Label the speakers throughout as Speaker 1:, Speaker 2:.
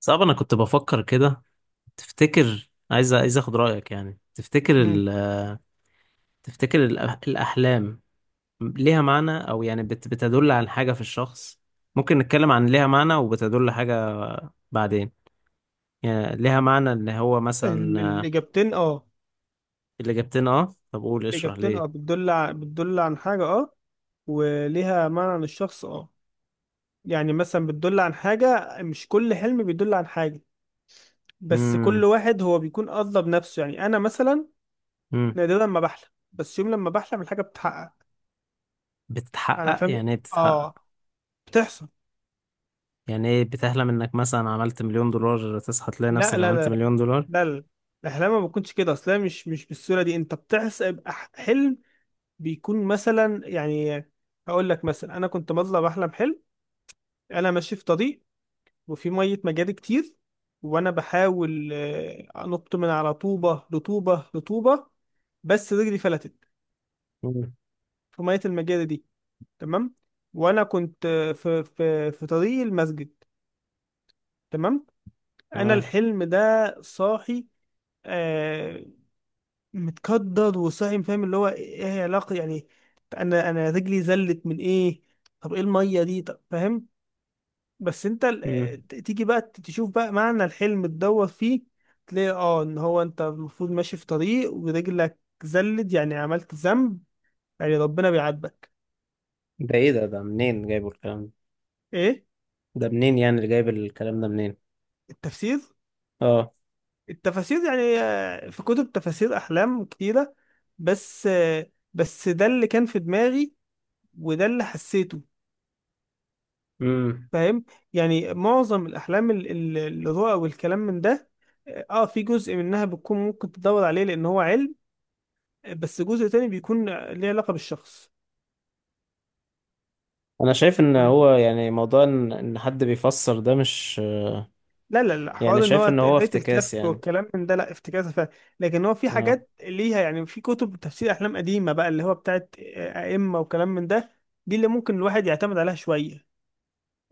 Speaker 1: صعب. انا كنت بفكر كده. تفتكر عايز اخد رأيك، يعني تفتكر
Speaker 2: مم.
Speaker 1: تفتكر الأحلام ليها معنى، او يعني بتدل على حاجة في الشخص؟ ممكن نتكلم عن ليها معنى وبتدل حاجة، بعدين يعني ليها معنى ان هو مثلا.
Speaker 2: الإجابتين اه،
Speaker 1: اللي جبتنا. اه طب قول اشرح
Speaker 2: الإجابتين اه،
Speaker 1: ليه.
Speaker 2: بتدل بتدل عن حاجة اه، وليها معنى للشخص اه. يعني مثلا بتدل عن حاجة، مش كل حلم بيدل عن حاجة، بس كل
Speaker 1: امم
Speaker 2: واحد هو بيكون قصده بنفسه. يعني أنا مثلا
Speaker 1: امم
Speaker 2: نادرا ما بحلم، بس يوم لما بحلم الحاجة بتتحقق. أنا
Speaker 1: بتتحقق؟
Speaker 2: فاهم.
Speaker 1: يعني ايه بتتحقق؟
Speaker 2: اه، بتحصل.
Speaker 1: يعني ايه بتحلم انك مثلا عملت $1,000,000 تصحى تلاقي
Speaker 2: لا
Speaker 1: نفسك
Speaker 2: لا
Speaker 1: عملت
Speaker 2: لا
Speaker 1: $1,000,000؟
Speaker 2: لا، الأحلام ما بتكونش كده أصلا، مش بالصورة دي. أنت بتحسب حلم بيكون مثلا، يعني هقول لك مثلا أنا كنت بطلع بحلم حلم. انا ماشي في طريق، وفي ميه مجاري كتير، وانا بحاول انط من على طوبه لطوبه لطوبه، بس رجلي فلتت
Speaker 1: امم.
Speaker 2: في ميه المجاري دي. تمام. وانا كنت في طريق المسجد. تمام. انا
Speaker 1: تمام.
Speaker 2: الحلم ده صاحي، آه، متكدر وصاحي. فاهم اللي هو ايه؟ إيه علاقه يعني؟ انا رجلي زلت من ايه؟ طب ايه الميه دي؟ طب فاهم. بس انت
Speaker 1: امم.
Speaker 2: تيجي بقى تشوف بقى معنى الحلم تدور فيه، تلاقي اه ان هو انت المفروض ماشي في طريق ورجلك زلت، يعني عملت ذنب، يعني ربنا بيعاتبك.
Speaker 1: ده ايه؟ ده منين جايبه الكلام ده؟
Speaker 2: ايه؟
Speaker 1: ده منين يعني؟ اللي جايب الكلام ده منين؟
Speaker 2: التفسير.
Speaker 1: اه.
Speaker 2: التفاسير يعني. في كتب تفاسير احلام كتيرة، بس بس ده اللي كان في دماغي وده اللي حسيته.
Speaker 1: امم.
Speaker 2: فاهم؟ يعني معظم الاحلام الرؤى والكلام من ده، اه في جزء منها بتكون ممكن تدور عليه لان هو علم، بس جزء تاني بيكون ليه علاقة بالشخص.
Speaker 1: انا شايف ان
Speaker 2: فاهم؟
Speaker 1: هو يعني موضوع إن حد بيفسر ده مش...
Speaker 2: لا،
Speaker 1: يعني
Speaker 2: حوار ان هو
Speaker 1: شايف ان هو
Speaker 2: قراية
Speaker 1: افتكاس
Speaker 2: الكهف
Speaker 1: يعني.
Speaker 2: والكلام من ده، لا افتكاسة فعلا. لكن هو في
Speaker 1: اه.
Speaker 2: حاجات ليها يعني، في كتب تفسير احلام قديمة بقى اللي هو بتاعت ائمة وكلام من ده، دي اللي ممكن الواحد يعتمد عليها شوية.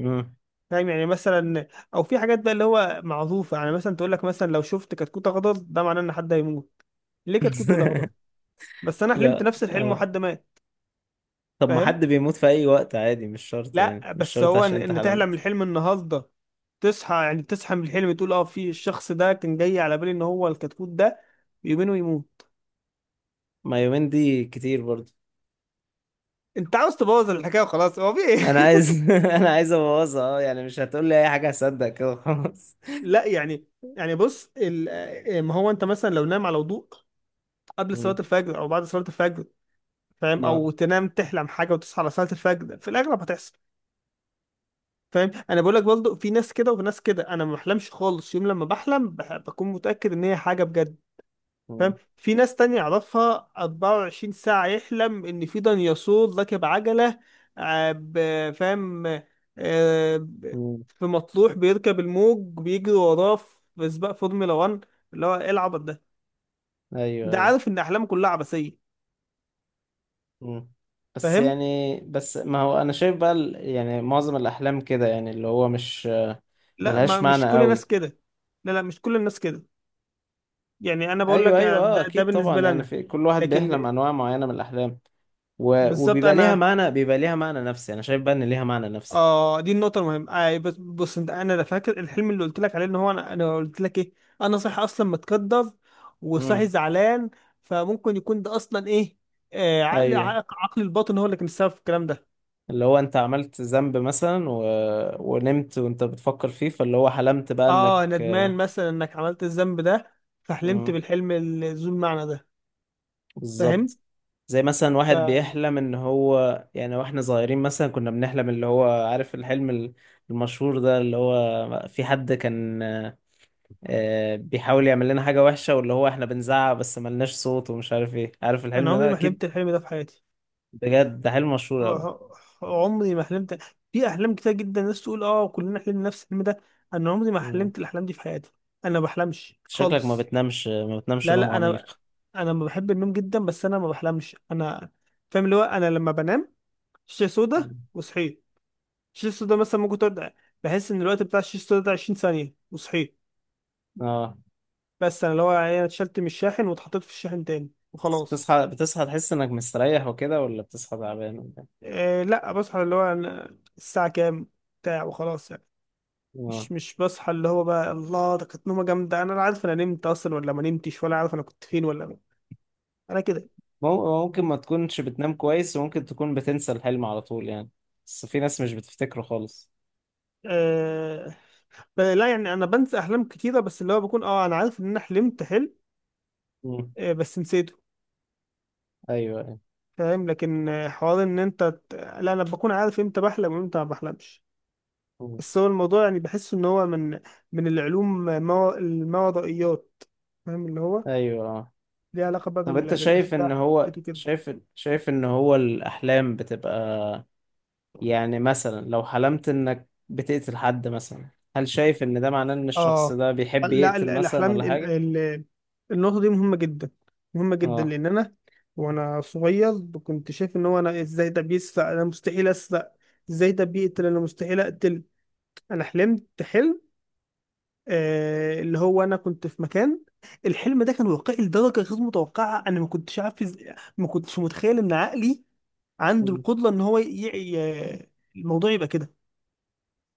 Speaker 1: امم.
Speaker 2: فاهم؟ يعني مثلا او في حاجات بقى اللي هو معروفة، يعني مثلا تقول لك مثلا لو شفت كتكوت اخضر ده معناه ان حد هيموت. ليه كتكوت والاخضر؟ بس انا حلمت
Speaker 1: لا
Speaker 2: نفس الحلم
Speaker 1: آه.
Speaker 2: وحد مات.
Speaker 1: طب ما
Speaker 2: فاهم؟
Speaker 1: حد بيموت في اي وقت عادي، مش شرط يعني،
Speaker 2: لا،
Speaker 1: مش
Speaker 2: بس
Speaker 1: شرط
Speaker 2: هو ان
Speaker 1: عشان انت
Speaker 2: إن تحلم
Speaker 1: حلمت،
Speaker 2: الحلم النهارده، تصحى يعني تصحى من الحلم تقول اه في الشخص ده كان جاي على بالي ان هو الكتكوت ده يؤمنه ويموت.
Speaker 1: ما يومين دي كتير برضو.
Speaker 2: انت عاوز تبوظ الحكايه وخلاص، هو في ايه؟
Speaker 1: انا عايز. انا عايز ابوظها اه، يعني مش هتقول لي اي حاجه هصدق كده خلاص.
Speaker 2: لا يعني. يعني بص ما هو انت مثلا لو نام على وضوء قبل صلاه
Speaker 1: امم.
Speaker 2: الفجر او بعد صلاه الفجر، فاهم،
Speaker 1: اه.
Speaker 2: او تنام تحلم حاجه وتصحى على صلاه الفجر، في الاغلب هتحصل. فاهم؟ انا بقول لك برضه، في ناس كده وفي ناس كده. انا ما بحلمش خالص، يوم لما بحلم بكون متاكد ان هي حاجه بجد. فاهم؟
Speaker 1: مم.
Speaker 2: في ناس تانية أعرفها 24 ساعة يحلم إن في ديناصور راكب عجلة، فاهم؟ آه، ب-
Speaker 1: مم.
Speaker 2: في مطروح بيركب الموج، بيجري وراه في سباق فورمولا 1، اللي هو إيه العبط ده؟
Speaker 1: ايوه،
Speaker 2: ده
Speaker 1: ايوه.
Speaker 2: عارف إن أحلامه كلها عبثية.
Speaker 1: مم. بس
Speaker 2: فاهم؟
Speaker 1: يعني، بس ما هو انا شايف بقى يعني معظم الاحلام كده، يعني اللي هو مش
Speaker 2: لا، ما
Speaker 1: ملهاش
Speaker 2: مش
Speaker 1: معنى
Speaker 2: كل الناس
Speaker 1: قوي.
Speaker 2: كده. لا، مش كل الناس كده. يعني أنا بقول
Speaker 1: ايوه،
Speaker 2: لك
Speaker 1: ايوه،
Speaker 2: آه،
Speaker 1: اه،
Speaker 2: ده ده
Speaker 1: اكيد
Speaker 2: بالنسبة
Speaker 1: طبعا،
Speaker 2: لي
Speaker 1: يعني
Speaker 2: أنا.
Speaker 1: في كل واحد بيحلم
Speaker 2: لكن
Speaker 1: انواع معينه من الاحلام
Speaker 2: بالظبط
Speaker 1: وبيبقى ليها
Speaker 2: أنا.
Speaker 1: معنى، بيبقى ليها معنى نفسي. انا شايف بقى ان ليها معنى نفسي.
Speaker 2: اه دي النقطة المهمة. آه، بس بص انت، انا لا فاكر الحلم اللي قلت لك عليه ان هو انا قلت لك ايه، انا صاحي اصلا متكدر وصاحي
Speaker 1: امم.
Speaker 2: زعلان. فممكن يكون ده اصلا ايه، آه عقل
Speaker 1: ايوه.
Speaker 2: عقل الباطن هو اللي كان السبب في الكلام ده.
Speaker 1: اللي هو انت عملت ذنب مثلا ونمت وانت بتفكر فيه، فاللي هو حلمت بقى
Speaker 2: اه
Speaker 1: انك...
Speaker 2: ندمان مثلا انك عملت الذنب ده، فحلمت
Speaker 1: امم.
Speaker 2: بالحلم ذو المعنى ده. فاهم؟
Speaker 1: بالظبط. زي مثلا واحد
Speaker 2: فانا
Speaker 1: بيحلم ان هو يعني، واحنا صغيرين مثلا كنا بنحلم اللي هو، عارف الحلم المشهور ده، اللي هو في حد كان بيحاول يعمل لنا حاجة وحشة، واللي هو احنا بنزعق بس ملناش صوت ومش عارف ايه، عارف الحلم
Speaker 2: عمري
Speaker 1: ده
Speaker 2: ما
Speaker 1: اكيد؟
Speaker 2: حلمت الحلم ده في حياتي.
Speaker 1: بجد ده حلم مشهور اوي.
Speaker 2: آه، عمري ما حلمت. في احلام كتير جدا الناس تقول اه كلنا حلمنا نفس الحلم ده، انا عمري ما
Speaker 1: مم.
Speaker 2: حلمت الاحلام دي في حياتي. انا ما بحلمش
Speaker 1: شكلك ما
Speaker 2: خالص.
Speaker 1: بتنامش، ما بتنامش
Speaker 2: لا
Speaker 1: نوم
Speaker 2: لا انا،
Speaker 1: عميق.
Speaker 2: انا ما بحب النوم جدا بس انا ما بحلمش انا. فاهم؟ اللي هو انا لما بنام شاشه سودا
Speaker 1: مم.
Speaker 2: وصحيت. الشاشه السودا مثلا ممكن تقعد، بحس ان الوقت بتاع الشاشه السودا ده 20 ثانيه وصحيت.
Speaker 1: اه.
Speaker 2: بس انا اللي هو يعني أنا اتشلت من الشاحن واتحطيت في الشاحن تاني وخلاص.
Speaker 1: بتصحى، بتصحى تحس انك مستريح وكده، ولا بتصحى تعبان، ولا إيه؟
Speaker 2: إيه، لا بصحى اللي هو أنا الساعه كام بتاع وخلاص يعني.
Speaker 1: اه.
Speaker 2: مش بصحى اللي هو بقى الله ده كانت نومه جامده، انا لا عارف انا نمت اصلا ولا ما نمتش، ولا عارف انا كنت فين ولا. انا كده.
Speaker 1: ممكن ما تكونش بتنام كويس، وممكن تكون بتنسى الحلم على طول يعني، بس في ناس مش بتفتكره خالص.
Speaker 2: إيه، لا يعني انا بنسى احلام كتيره، بس اللي هو بكون اه انا عارف ان انا حلمت حلم،
Speaker 1: مم.
Speaker 2: بس نسيته.
Speaker 1: ايوه، ايوه.
Speaker 2: فاهم؟ لكن حوار ان انت لا انا بكون عارف امتى بحلم وامتى ما بحلمش.
Speaker 1: مم.
Speaker 2: بس هو الموضوع يعني بحس ان هو من، من العلوم ما الماورائيات. فاهم؟ اللي هو
Speaker 1: ايوه آه.
Speaker 2: ليه علاقه بقى
Speaker 1: طب انت شايف ان
Speaker 2: بالاشباح
Speaker 1: هو
Speaker 2: وكده.
Speaker 1: شايف ان هو الاحلام بتبقى، يعني مثلا لو حلمت انك بتقتل حد مثلا، هل شايف ان ده معناه ان الشخص
Speaker 2: اه
Speaker 1: ده بيحب
Speaker 2: لا
Speaker 1: يقتل مثلا
Speaker 2: الاحلام
Speaker 1: ولا حاجة؟
Speaker 2: النقطه دي مهمه جدا. مهمه جدا
Speaker 1: اه.
Speaker 2: لان انا وانا صغير كنت شايف ان هو انا ازاي ده بيسرق، انا مستحيل اسرق، ازاي ده بيقتل، انا مستحيل اقتل. انا حلمت حلم، آه اللي هو انا كنت في مكان. الحلم ده كان واقعي لدرجه غير متوقعه. انا ما كنتش عارف ما كنتش متخيل ان عقلي عنده
Speaker 1: مم.
Speaker 2: القدره ان هو ي... الموضوع يبقى كده.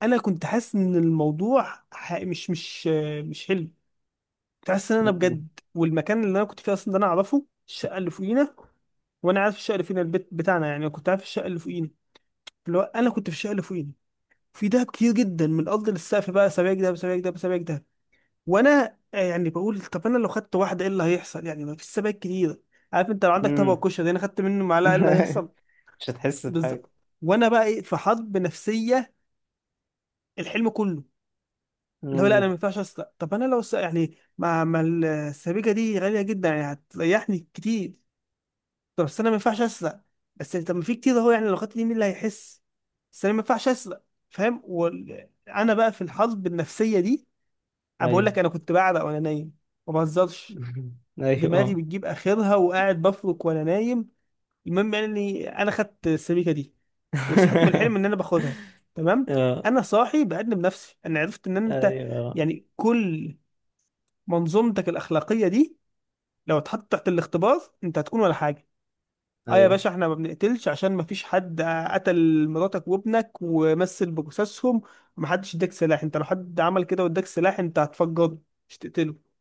Speaker 2: انا كنت حاسس ان الموضوع ح... مش مش آه، مش حلم. تحس ان انا
Speaker 1: مم.
Speaker 2: بجد. والمكان اللي انا كنت فيه اصلا ده انا اعرفه، الشقه اللي فوقينا، وانا عارف الشقه اللي فينا البيت بتاعنا، يعني كنت عارف الشقه اللي فوقينا. اللي هو انا كنت في الشقه اللي فوقينا. في دهب كتير جدا من الارض للسقف بقى، سبايك دهب سبايك دهب سبايك دهب. وانا يعني بقول طب انا لو خدت واحده ايه اللي هيحصل يعني، ما فيش سبايك كتير. عارف انت لو عندك طبق
Speaker 1: مم.
Speaker 2: كشري انا خدت منه معلقه ايه اللي هيحصل؟
Speaker 1: مش هتحس بحاجة.
Speaker 2: بالظبط. وانا بقى ايه، في حرب نفسيه الحلم كله. اللي هو لا انا
Speaker 1: مم.
Speaker 2: ما ينفعش اسرق، طب انا لو يعني ما السبيكه دي غاليه جدا يعني هتريحني كتير، طب بس انا ما ينفعش اسرق، بس طب ما في كتير اهو يعني لو خدت دي مين اللي هيحس، بس انا ما ينفعش اسرق. فاهم؟ وانا بقى في الحرب النفسيه دي، انا بقول
Speaker 1: ايوه.
Speaker 2: لك انا كنت بعرق وانا نايم، ما بهزرش.
Speaker 1: ايوه،
Speaker 2: دماغي
Speaker 1: اه.
Speaker 2: بتجيب اخرها وقاعد بفرك وانا نايم. المهم يعني اني انا خدت السبيكه دي وصحيت من الحلم ان انا باخدها. تمام.
Speaker 1: اه،
Speaker 2: انا صاحي بأدب نفسي، انا عرفت ان انت
Speaker 1: ايوه،
Speaker 2: يعني كل منظومتك الاخلاقيه دي لو اتحطت تحت الاختبار انت هتكون ولا حاجه. اه يا
Speaker 1: ايوه.
Speaker 2: باشا احنا ما بنقتلش عشان ما فيش حد قتل مراتك وابنك ومثل بجثثهم ومحدش اداك سلاح، انت لو حد عمل كده واداك سلاح انت هتفجره، مش تقتله.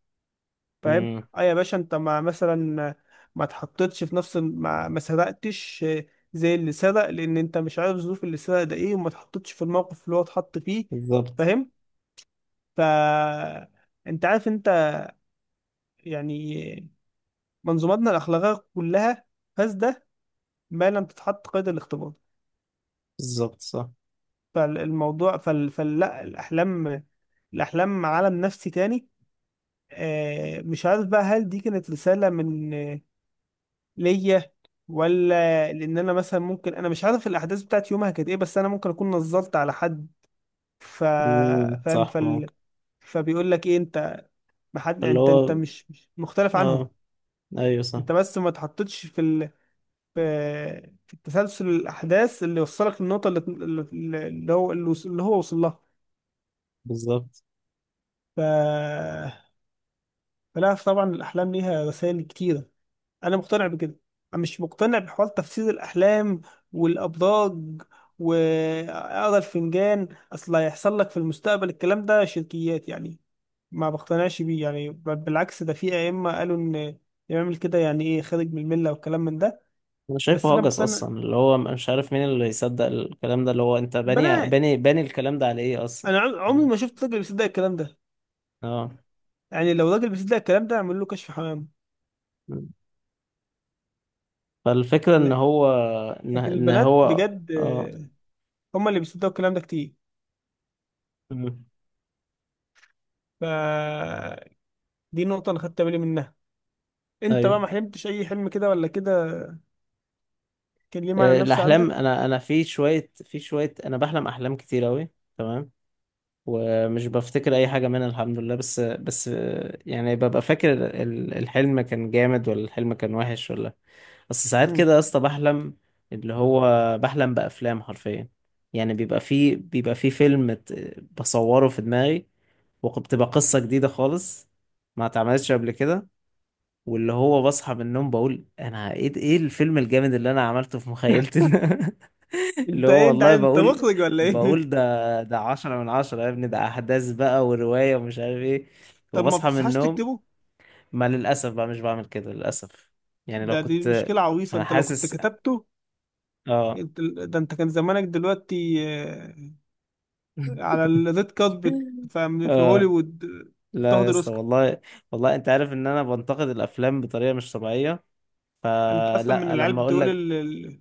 Speaker 2: فاهم؟
Speaker 1: امم.
Speaker 2: اه يا باشا انت ما مثلا ما تحطتش في نفس ما سرقتش زي اللي سرق، لان انت مش عارف ظروف اللي سرق ده ايه، وما تحطتش في الموقف اللي هو اتحط فيه.
Speaker 1: بالظبط.
Speaker 2: فاهم؟ ف، انت عارف انت يعني منظوماتنا الاخلاقيه كلها فاسده ما لم تتحط قيد الاختبار.
Speaker 1: بالظبط، صح.
Speaker 2: فلا، الأحلام، الأحلام عالم نفسي تاني. مش عارف بقى هل دي كانت رسالة من ليا، ولا لأن أنا مثلا، ممكن أنا مش عارف الأحداث بتاعت يومها كانت إيه، بس أنا ممكن أكون نظرت على حد. ف...
Speaker 1: امم،
Speaker 2: فاهم؟
Speaker 1: صح، ممكن.
Speaker 2: فبيقول لك إيه أنت، ما حد،
Speaker 1: اللي
Speaker 2: أنت
Speaker 1: هو،
Speaker 2: مش مختلف عنهم،
Speaker 1: اه، ايوه، صح،
Speaker 2: أنت بس ما تحطتش في في التسلسل الأحداث اللي وصلك للنقطة اللي، اللي هو اللي هو وصل لها.
Speaker 1: بالظبط.
Speaker 2: ف... لا طبعا الأحلام ليها رسائل كتيرة، أنا مقتنع بكده. أنا مش مقتنع بحوار تفسير الأحلام والأبراج وأقرا الفنجان، أصل هيحصل لك في المستقبل، الكلام ده شركيات يعني، ما بقتنعش بيه، يعني بل بالعكس ده في أئمة قالوا إن اللي يعمل كده يعني إيه خارج من الملة والكلام من ده.
Speaker 1: انا
Speaker 2: بس
Speaker 1: شايفه
Speaker 2: أنا
Speaker 1: هجس
Speaker 2: مقتنع.
Speaker 1: اصلا، اللي هو مش عارف مين اللي يصدق الكلام ده، اللي هو انت باني
Speaker 2: البنات،
Speaker 1: باني باني الكلام ده على ايه اصلا؟
Speaker 2: أنا عمري ما شفت راجل بيصدق الكلام ده.
Speaker 1: اه.
Speaker 2: يعني لو راجل بيصدق الكلام ده أعمل له كشف حمام.
Speaker 1: فالفكرة ان
Speaker 2: لا،
Speaker 1: هو ان
Speaker 2: لكن
Speaker 1: إن
Speaker 2: البنات
Speaker 1: هو...
Speaker 2: بجد
Speaker 1: اه.
Speaker 2: هم اللي بيصدقوا الكلام ده كتير.
Speaker 1: أمم.
Speaker 2: ف دي نقطة أنا خدت بالي منها. أنت بقى
Speaker 1: ايوه
Speaker 2: ما حلمتش أي حلم كده ولا كده كان ليه معنى
Speaker 1: آه،
Speaker 2: نفسي
Speaker 1: الاحلام
Speaker 2: عندك؟
Speaker 1: انا، في شوية انا بحلم احلام كتير اوي، تمام، ومش بفتكر اي حاجه منها، الحمد لله. بس يعني ببقى فاكر الحلم كان جامد، ولا الحلم كان وحش، ولا... بس ساعات
Speaker 2: مم.
Speaker 1: كده يا اسطى بحلم اللي هو، بحلم بافلام حرفيا، يعني بيبقى فيه فيلم بصوره في دماغي، وبتبقى قصه جديده خالص ما اتعملتش قبل كده، واللي هو بصحى من النوم بقول انا ايه؟ ايه الفيلم الجامد اللي انا عملته في مخيلتي ده؟ اللي
Speaker 2: أنت
Speaker 1: هو
Speaker 2: إيه، أنت
Speaker 1: والله
Speaker 2: عايز أنت
Speaker 1: بقول،
Speaker 2: مخرج ولا إيه؟
Speaker 1: بقول ده 10/10 يا ابني، ده أحداث بقى ورواية ومش عارف ايه.
Speaker 2: طب ما
Speaker 1: وبصحى من
Speaker 2: بتصحاش
Speaker 1: النوم،
Speaker 2: تكتبه؟
Speaker 1: ما للأسف بقى مش بعمل كده للأسف. يعني لو
Speaker 2: دي
Speaker 1: كنت...
Speaker 2: مشكلة عويصة،
Speaker 1: أنا
Speaker 2: أنت لو كنت
Speaker 1: حاسس.
Speaker 2: كتبته
Speaker 1: اه.
Speaker 2: أنت، أنت كان زمانك دلوقتي على الريد كاربت، فاهم، في
Speaker 1: اه.
Speaker 2: هوليوود،
Speaker 1: لا يا
Speaker 2: تاخد
Speaker 1: اسطى
Speaker 2: الأوسكار.
Speaker 1: والله، والله انت عارف ان انا بنتقد الافلام بطريقه مش طبيعيه،
Speaker 2: أنت أصلا من
Speaker 1: فلا لما
Speaker 2: العيال
Speaker 1: اقول
Speaker 2: بتقول
Speaker 1: لك.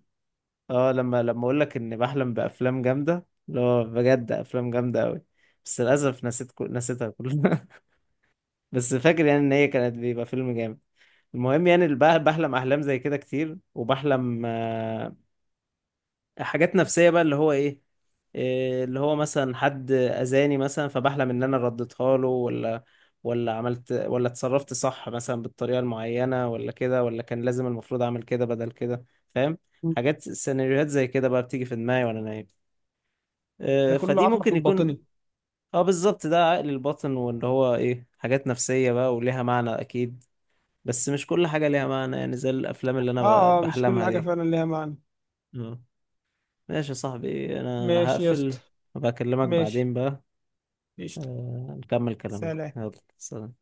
Speaker 1: اه. لما لما اقول لك اني بحلم بافلام جامده اللي هو بجد افلام جامده قوي، بس للاسف نسيت نسيتها كلها، بس فاكر يعني ان هي كانت بيبقى فيلم جامد. المهم يعني بحلم احلام زي كده كتير، وبحلم حاجات نفسية بقى اللي هو إيه اللي هو مثلا حد اذاني مثلا، فبحلم ان انا رديتها له، ولا عملت، ولا اتصرفت صح مثلا بالطريقة المعينة، ولا كده، ولا كان لازم المفروض اعمل كده بدل كده، فاهم؟ حاجات سيناريوهات زي كده بقى بتيجي في دماغي وانا نايم.
Speaker 2: ده
Speaker 1: إيه؟
Speaker 2: كله
Speaker 1: فدي
Speaker 2: عقلك
Speaker 1: ممكن يكون.
Speaker 2: الباطني.
Speaker 1: اه، بالظبط، ده عقل الباطن، وان هو ايه، حاجات نفسية بقى وليها معنى اكيد، بس مش كل حاجة ليها معنى، يعني زي الأفلام اللي أنا
Speaker 2: آه آه، مش كل
Speaker 1: بحلمها
Speaker 2: حاجة
Speaker 1: دي.
Speaker 2: فعلا ليها معنى.
Speaker 1: اه. ماشي يا صاحبي، أنا
Speaker 2: ماشي يا اسطى.
Speaker 1: هقفل وبكلمك
Speaker 2: ماشي.
Speaker 1: بعدين بقى.
Speaker 2: قشطة.
Speaker 1: نكمل كلامنا
Speaker 2: سلام.
Speaker 1: يلا. سلام.